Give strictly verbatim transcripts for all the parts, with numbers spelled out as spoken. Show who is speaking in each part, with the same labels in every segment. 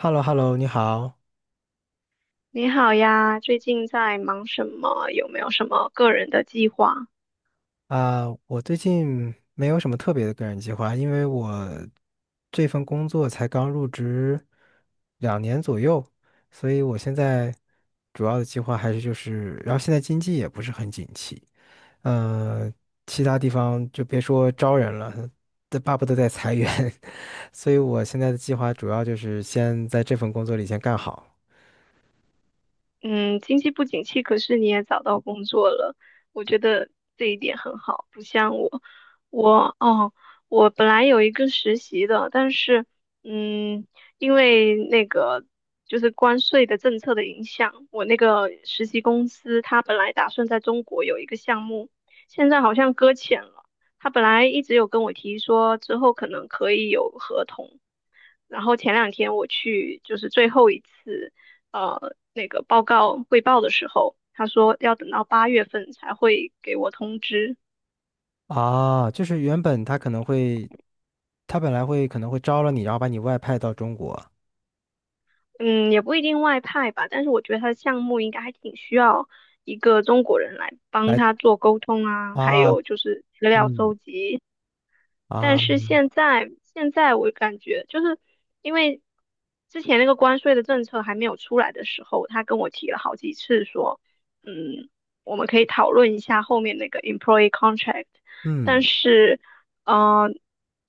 Speaker 1: h e l l o h e l l o 你好
Speaker 2: 你好呀，最近在忙什么？有没有什么个人的计划？
Speaker 1: 啊，我最近没有什么特别的个人计划，因为我这份工作才刚入职两年左右，所以我现在主要的计划还是就是，然后现在经济也不是很景气，呃，其他地方就别说招人了，这巴不得在裁员，所以我现在的计划主要就是先在这份工作里先干好。
Speaker 2: 嗯，经济不景气，可是你也找到工作了，我觉得这一点很好。不像我，我哦，我本来有一个实习的，但是嗯，因为那个就是关税的政策的影响，我那个实习公司它本来打算在中国有一个项目，现在好像搁浅了。他本来一直有跟我提说，之后可能可以有合同。然后前两天我去就是最后一次呃那个报告汇报的时候，他说要等到八月份才会给我通知。
Speaker 1: 啊，就是原本他可能会，他本来会可能会招了你，然后把你外派到中国
Speaker 2: 嗯，也不一定外派吧，但是我觉得他的项目应该还挺需要一个中国人来帮
Speaker 1: 来
Speaker 2: 他做沟通啊，还
Speaker 1: 啊。
Speaker 2: 有就是资料
Speaker 1: 嗯。
Speaker 2: 搜集。但
Speaker 1: 啊。
Speaker 2: 是现在现在我感觉就是因为之前那个关税的政策还没有出来的时候，他跟我提了好几次说，嗯，我们可以讨论一下后面那个 employee contract。但
Speaker 1: 嗯。
Speaker 2: 是，嗯、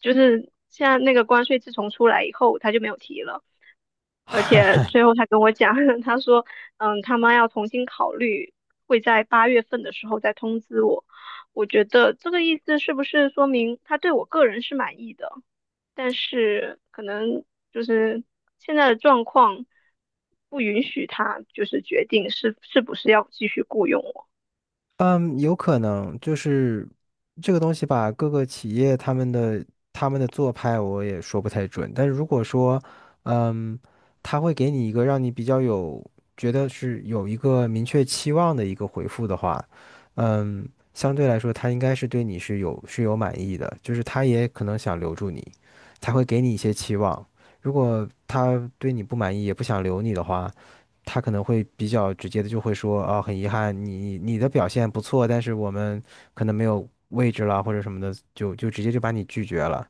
Speaker 2: 就是现在那个关税自从出来以后，他就没有提了。而且最后他跟我讲，他说，嗯，他妈要重新考虑，会在八月份的时候再通知我。我觉得这个意思是不是说明他对我个人是满意的，但是可能就是现在的状况不允许他就是决定是是不是要继续雇佣我。
Speaker 1: 嗯，有可能就是这个东西吧，各个企业他们的他们的做派我也说不太准，但是如果说，嗯，他会给你一个让你比较有觉得是有一个明确期望的一个回复的话，嗯，相对来说他应该是对你是有是有满意的，就是他也可能想留住你，才会给你一些期望。如果他对你不满意，也不想留你的话。他可能会比较直接的就会说啊，很遗憾，你你的表现不错，但是我们可能没有位置了或者什么的，就就直接就把你拒绝了。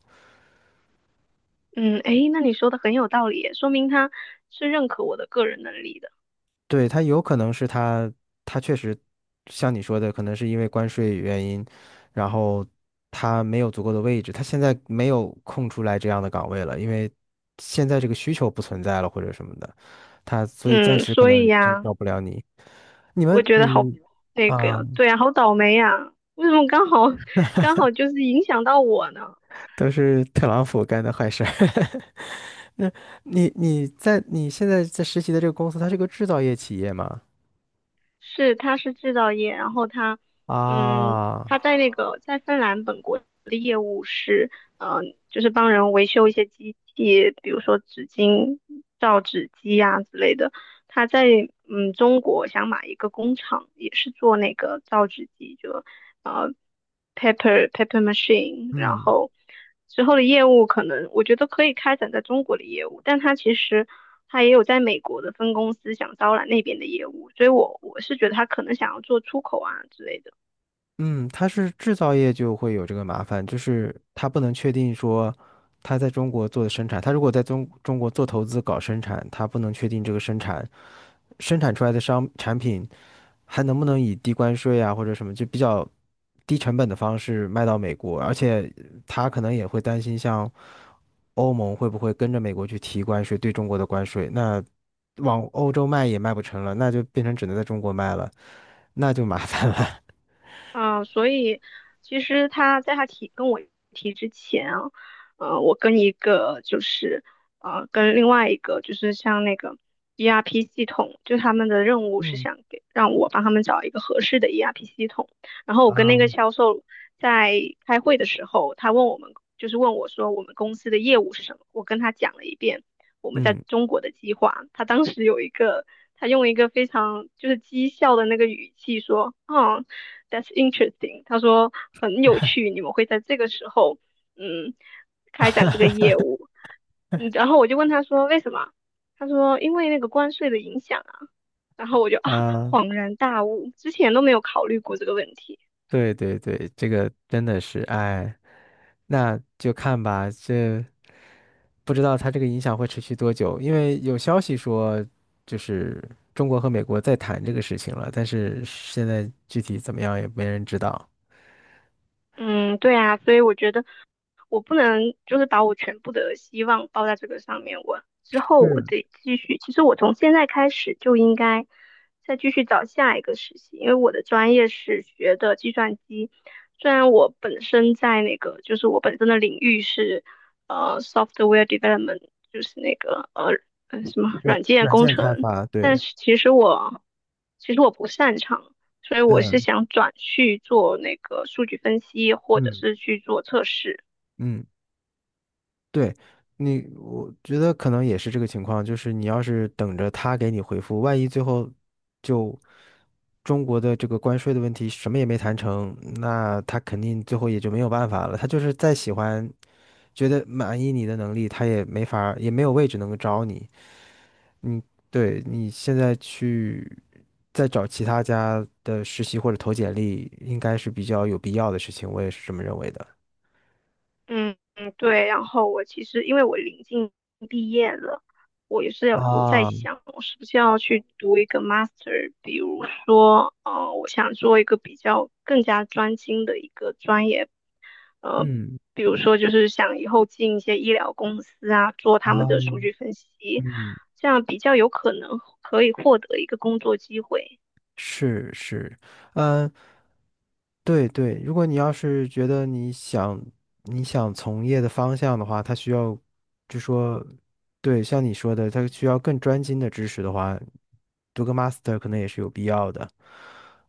Speaker 2: 嗯，诶，那你说的很有道理耶，说明他是认可我的个人能力的。
Speaker 1: 对，他有可能是他他确实像你说的，可能是因为关税原因，然后他没有足够的位置，他现在没有空出来这样的岗位了，因为现在这个需求不存在了或者什么的，他所以暂
Speaker 2: 嗯，
Speaker 1: 时可
Speaker 2: 所以
Speaker 1: 能真
Speaker 2: 呀。
Speaker 1: 招不了你。你
Speaker 2: 我
Speaker 1: 们
Speaker 2: 觉得好
Speaker 1: 你
Speaker 2: 那个
Speaker 1: 啊，
Speaker 2: 呀，对呀，好倒霉呀！为什么刚好刚好就是影响到我呢？
Speaker 1: 都是特朗普干的坏事儿。那你你在你现在在实习的这个公司，它是个制造业企业吗？
Speaker 2: 是，他是制造业，然后他，嗯，
Speaker 1: 啊。
Speaker 2: 他在那个在芬兰本国的业务是，嗯、就是帮人维修一些机器，比如说纸巾、造纸机呀、之类的。他在嗯中国想买一个工厂，也是做那个造纸机，就呃 paper paper machine，然
Speaker 1: 嗯。
Speaker 2: 后之后的业务可能我觉得可以开展在中国的业务，但他其实他也有在美国的分公司想招揽那边的业务，所以我我是觉得他可能想要做出口啊之类的。
Speaker 1: 嗯，它是制造业就会有这个麻烦，就是它不能确定说它在中国做的生产，它如果在中中国做投资搞生产，它不能确定这个生产生产出来的商产品还能不能以低关税啊或者什么就比较低成本的方式卖到美国？而且他可能也会担心，像欧盟会不会跟着美国去提关税，对中国的关税？那往欧洲卖也卖不成了，那就变成只能在中国卖了，那就麻烦了。
Speaker 2: 嗯，所以其实他在他提跟我提之前啊，嗯，我跟一个就是呃跟另外一个就是像那个 E R P 系统，就他们的任务是
Speaker 1: 嗯。
Speaker 2: 想给让我帮他们找一个合适的 E R P 系统。然后我跟那个
Speaker 1: 啊。
Speaker 2: 销售在开会的时候，他问我们就是问我说我们公司的业务是什么，我跟他讲了一遍我们在
Speaker 1: 嗯。
Speaker 2: 中国的计划。他当时有一个他用一个非常就是讥笑的那个语气说，嗯。That's interesting。他说很有趣，你们会在这个时候，嗯，开展这个业务。嗯，然后我就问他说为什么？他说因为那个关税的影响啊。然后我就啊
Speaker 1: 啊，
Speaker 2: 恍然大悟，之前都没有考虑过这个问题。
Speaker 1: 对对对，这个真的是，哎，那就看吧，这。不知道它这个影响会持续多久，因为有消息说，就是中国和美国在谈这个事情了，但是现在具体怎么样也没人知道。
Speaker 2: 嗯，对啊，所以我觉得我不能就是把我全部的希望抱在这个上面，我之后我
Speaker 1: 是
Speaker 2: 得继续。其实我从现在开始就应该再继续找下一个实习，因为我的专业是学的计算机，虽然我本身在那个就是我本身的领域是呃 software development，就是那个呃呃什么
Speaker 1: 软
Speaker 2: 软件
Speaker 1: 软
Speaker 2: 工
Speaker 1: 件开
Speaker 2: 程，
Speaker 1: 发，
Speaker 2: 但
Speaker 1: 对。
Speaker 2: 是其实我其实我不擅长。所以我是
Speaker 1: 嗯。
Speaker 2: 想转去做那个数据分析，或者
Speaker 1: 嗯。
Speaker 2: 是去做测试。
Speaker 1: 嗯。对。你，我觉得可能也是这个情况，就是你要是等着他给你回复，万一最后就中国的这个关税的问题什么也没谈成，那他肯定最后也就没有办法了。他就是再喜欢，觉得满意你的能力，他也没法儿也没有位置能够招你。嗯，对你现在去再找其他家的实习或者投简历，应该是比较有必要的事情，我也是这么认为的。
Speaker 2: 嗯嗯，对。然后我其实因为我临近毕业了，我也是有有在
Speaker 1: 啊。
Speaker 2: 想，我是不是要去读一个 master。比如说，呃，我想做一个比较更加专精的一个专业，呃，
Speaker 1: 嗯。
Speaker 2: 比如说就是想以后进一些医疗公司啊，做他们
Speaker 1: 啊。
Speaker 2: 的数据分析，
Speaker 1: 嗯。
Speaker 2: 这样比较有可能可以获得一个工作机会。
Speaker 1: 是是，嗯，对对，如果你要是觉得你想你想从业的方向的话，他需要，就说，对，像你说的，他需要更专精的知识的话，读个 master 可能也是有必要的。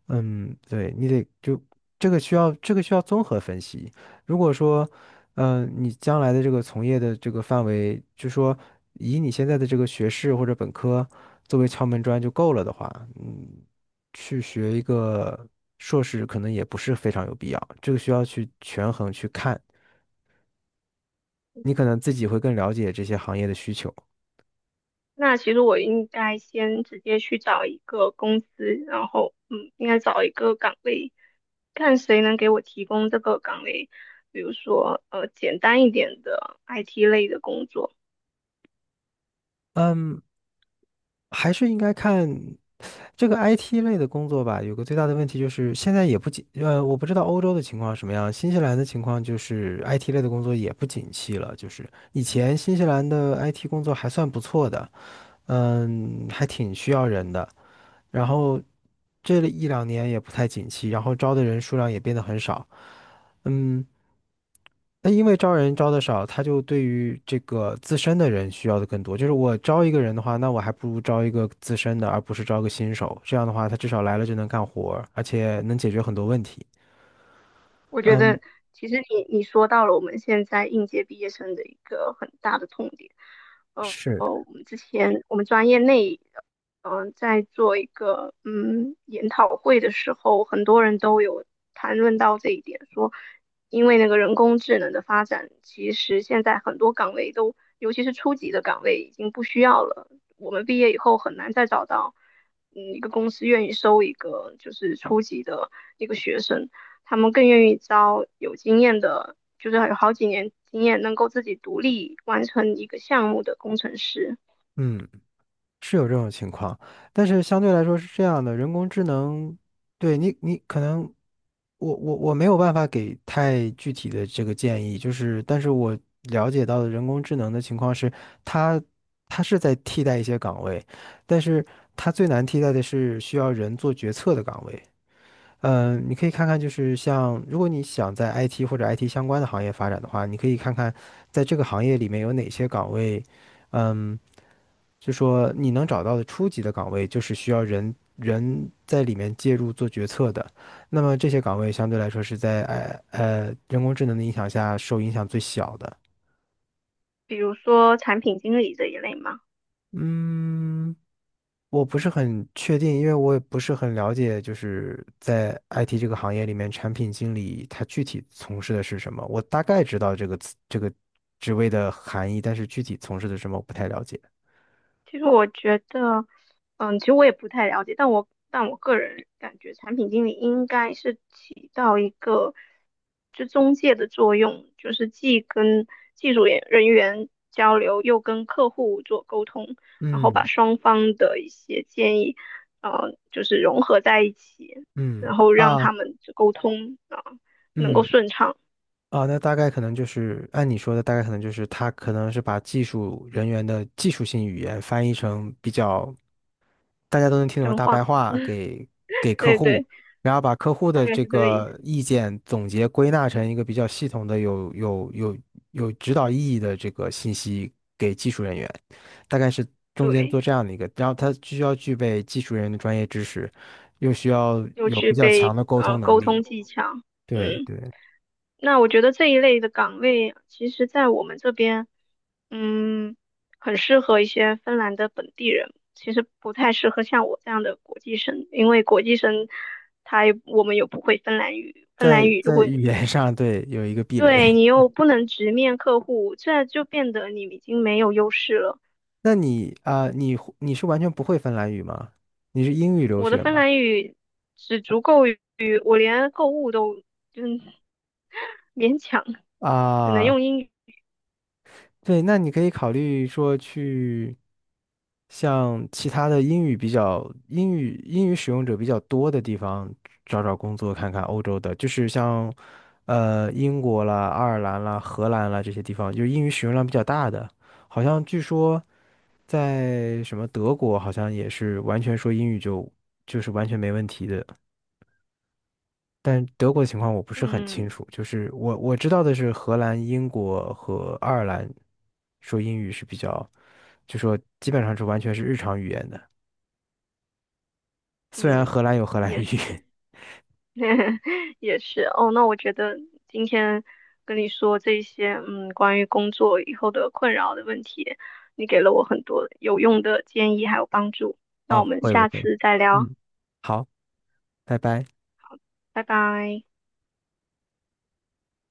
Speaker 1: 嗯，对，你得就这个需要这个需要综合分析。如果说，嗯、你将来的这个从业的这个范围，就说以你现在的这个学士或者本科作为敲门砖就够了的话，嗯。去学一个硕士，可能也不是非常有必要。这个需要去权衡去看，你可能自己会更了解这些行业的需求。
Speaker 2: 那其实我应该先直接去找一个公司，然后嗯，应该找一个岗位，看谁能给我提供这个岗位，比如说呃简单一点的 I T 类的工作。
Speaker 1: 嗯，还是应该看这个 I T 类的工作吧。有个最大的问题就是，现在也不景，呃，我不知道欧洲的情况什么样，新西兰的情况就是 I T 类的工作也不景气了。就是以前新西兰的 I T 工作还算不错的，嗯，还挺需要人的。然后这一两年也不太景气，然后招的人数量也变得很少。嗯，那因为招人招的少，他就对于这个自身的人需要的更多。就是我招一个人的话，那我还不如招一个资深的，而不是招个新手。这样的话，他至少来了就能干活儿而且能解决很多问题。
Speaker 2: 我觉得其实你你说到了我们现在应届毕业生的一个很大的痛点。呃
Speaker 1: 是。
Speaker 2: 我们之前我们专业内，嗯、呃在做一个嗯研讨会的时候，很多人都有谈论到这一点，说因为那个人工智能的发展，其实现在很多岗位都，尤其是初级的岗位已经不需要了。我们毕业以后很难再找到，嗯，一个公司愿意收一个就是初级的一个学生，他们更愿意招有经验的，就是有好几年经验，能够自己独立完成一个项目的工程师。
Speaker 1: 嗯。是有这种情况，但是相对来说是这样的，人工智能，对你，你可能我我我没有办法给太具体的这个建议，就是但是我了解到的人工智能的情况是，它它是在替代一些岗位，但是它最难替代的是需要人做决策的岗位。嗯，你可以看看，就是像如果你想在 I T 或者 I T 相关的行业发展的话，你可以看看在这个行业里面有哪些岗位，嗯。就说你能找到的初级的岗位，就是需要人人在里面介入做决策的。那么这些岗位相对来说是在呃呃人工智能的影响下受影响最小的。
Speaker 2: 比如说产品经理这一类嘛，
Speaker 1: 嗯，我不是很确定，因为我也不是很了解，就是在 I T 这个行业里面，产品经理他具体从事的是什么。我大概知道这个词这个职位的含义，但是具体从事的是什么我不太了解。
Speaker 2: 其实我觉得，嗯，其实我也不太了解，但我但我个人感觉，产品经理应该是起到一个就中介的作用，就是既跟技术人人员交流，又跟客户做沟通，然后把
Speaker 1: 嗯。
Speaker 2: 双方的一些建议，呃，就是融合在一起，
Speaker 1: 嗯。
Speaker 2: 然后让
Speaker 1: 啊。
Speaker 2: 他们沟通啊，能够
Speaker 1: 嗯。
Speaker 2: 顺畅，
Speaker 1: 啊，那大概可能就是按你说的，大概可能就是他可能是把技术人员的技术性语言翻译成比较大家都能听懂的
Speaker 2: 真
Speaker 1: 大
Speaker 2: 话，
Speaker 1: 白话给给客
Speaker 2: 对
Speaker 1: 户，
Speaker 2: 对，
Speaker 1: 然后把客户
Speaker 2: 大
Speaker 1: 的
Speaker 2: 概
Speaker 1: 这
Speaker 2: 是这个意
Speaker 1: 个
Speaker 2: 思。
Speaker 1: 意见总结归纳成一个比较系统的有有有有指导意义的这个信息给技术人员，大概是中间做
Speaker 2: 对。
Speaker 1: 这样的一个，然后他需要具备技术人员的专业知识，又需要
Speaker 2: 又
Speaker 1: 有
Speaker 2: 具
Speaker 1: 比较强
Speaker 2: 备
Speaker 1: 的沟
Speaker 2: 呃
Speaker 1: 通能
Speaker 2: 沟通
Speaker 1: 力。
Speaker 2: 技巧。
Speaker 1: 对
Speaker 2: 嗯，
Speaker 1: 对。
Speaker 2: 那我觉得这一类的岗位，其实在我们这边，嗯，很适合一些芬兰的本地人，其实不太适合像我这样的国际生，因为国际生他也我们又不会芬兰语，芬兰
Speaker 1: 在
Speaker 2: 语如
Speaker 1: 在
Speaker 2: 果
Speaker 1: 语言上，对，有一个壁垒。
Speaker 2: 对你 又不能直面客户，这就变得你已经没有优势了。
Speaker 1: 那你啊、你你是完全不会芬兰语吗？你是英语留
Speaker 2: 我的
Speaker 1: 学
Speaker 2: 芬
Speaker 1: 吗？
Speaker 2: 兰语只足够于我连购物都嗯勉强只能
Speaker 1: 啊、
Speaker 2: 用英语。
Speaker 1: 对，那你可以考虑说去像其他的英语比较英语英语使用者比较多的地方找找工作，看看欧洲的，就是像呃英国啦、爱尔兰啦、荷兰啦这些地方，就是英语使用量比较大的。好像据说在什么德国，好像也是完全说英语就就是完全没问题的。但德国的情况我不是很清
Speaker 2: 嗯，
Speaker 1: 楚，就是我我知道的是荷兰、英国和爱尔兰说英语是比较，就说基本上是完全是日常语言的。虽然
Speaker 2: 嗯，
Speaker 1: 荷兰有荷兰
Speaker 2: 也
Speaker 1: 语。
Speaker 2: 是，也是哦。那我觉得今天跟你说这些，嗯，关于工作以后的困扰的问题，你给了我很多有用的建议还有帮助。那
Speaker 1: 啊，
Speaker 2: 我
Speaker 1: 不
Speaker 2: 们
Speaker 1: 会不
Speaker 2: 下
Speaker 1: 会，
Speaker 2: 次再聊，
Speaker 1: 嗯，好，拜拜。
Speaker 2: 拜拜。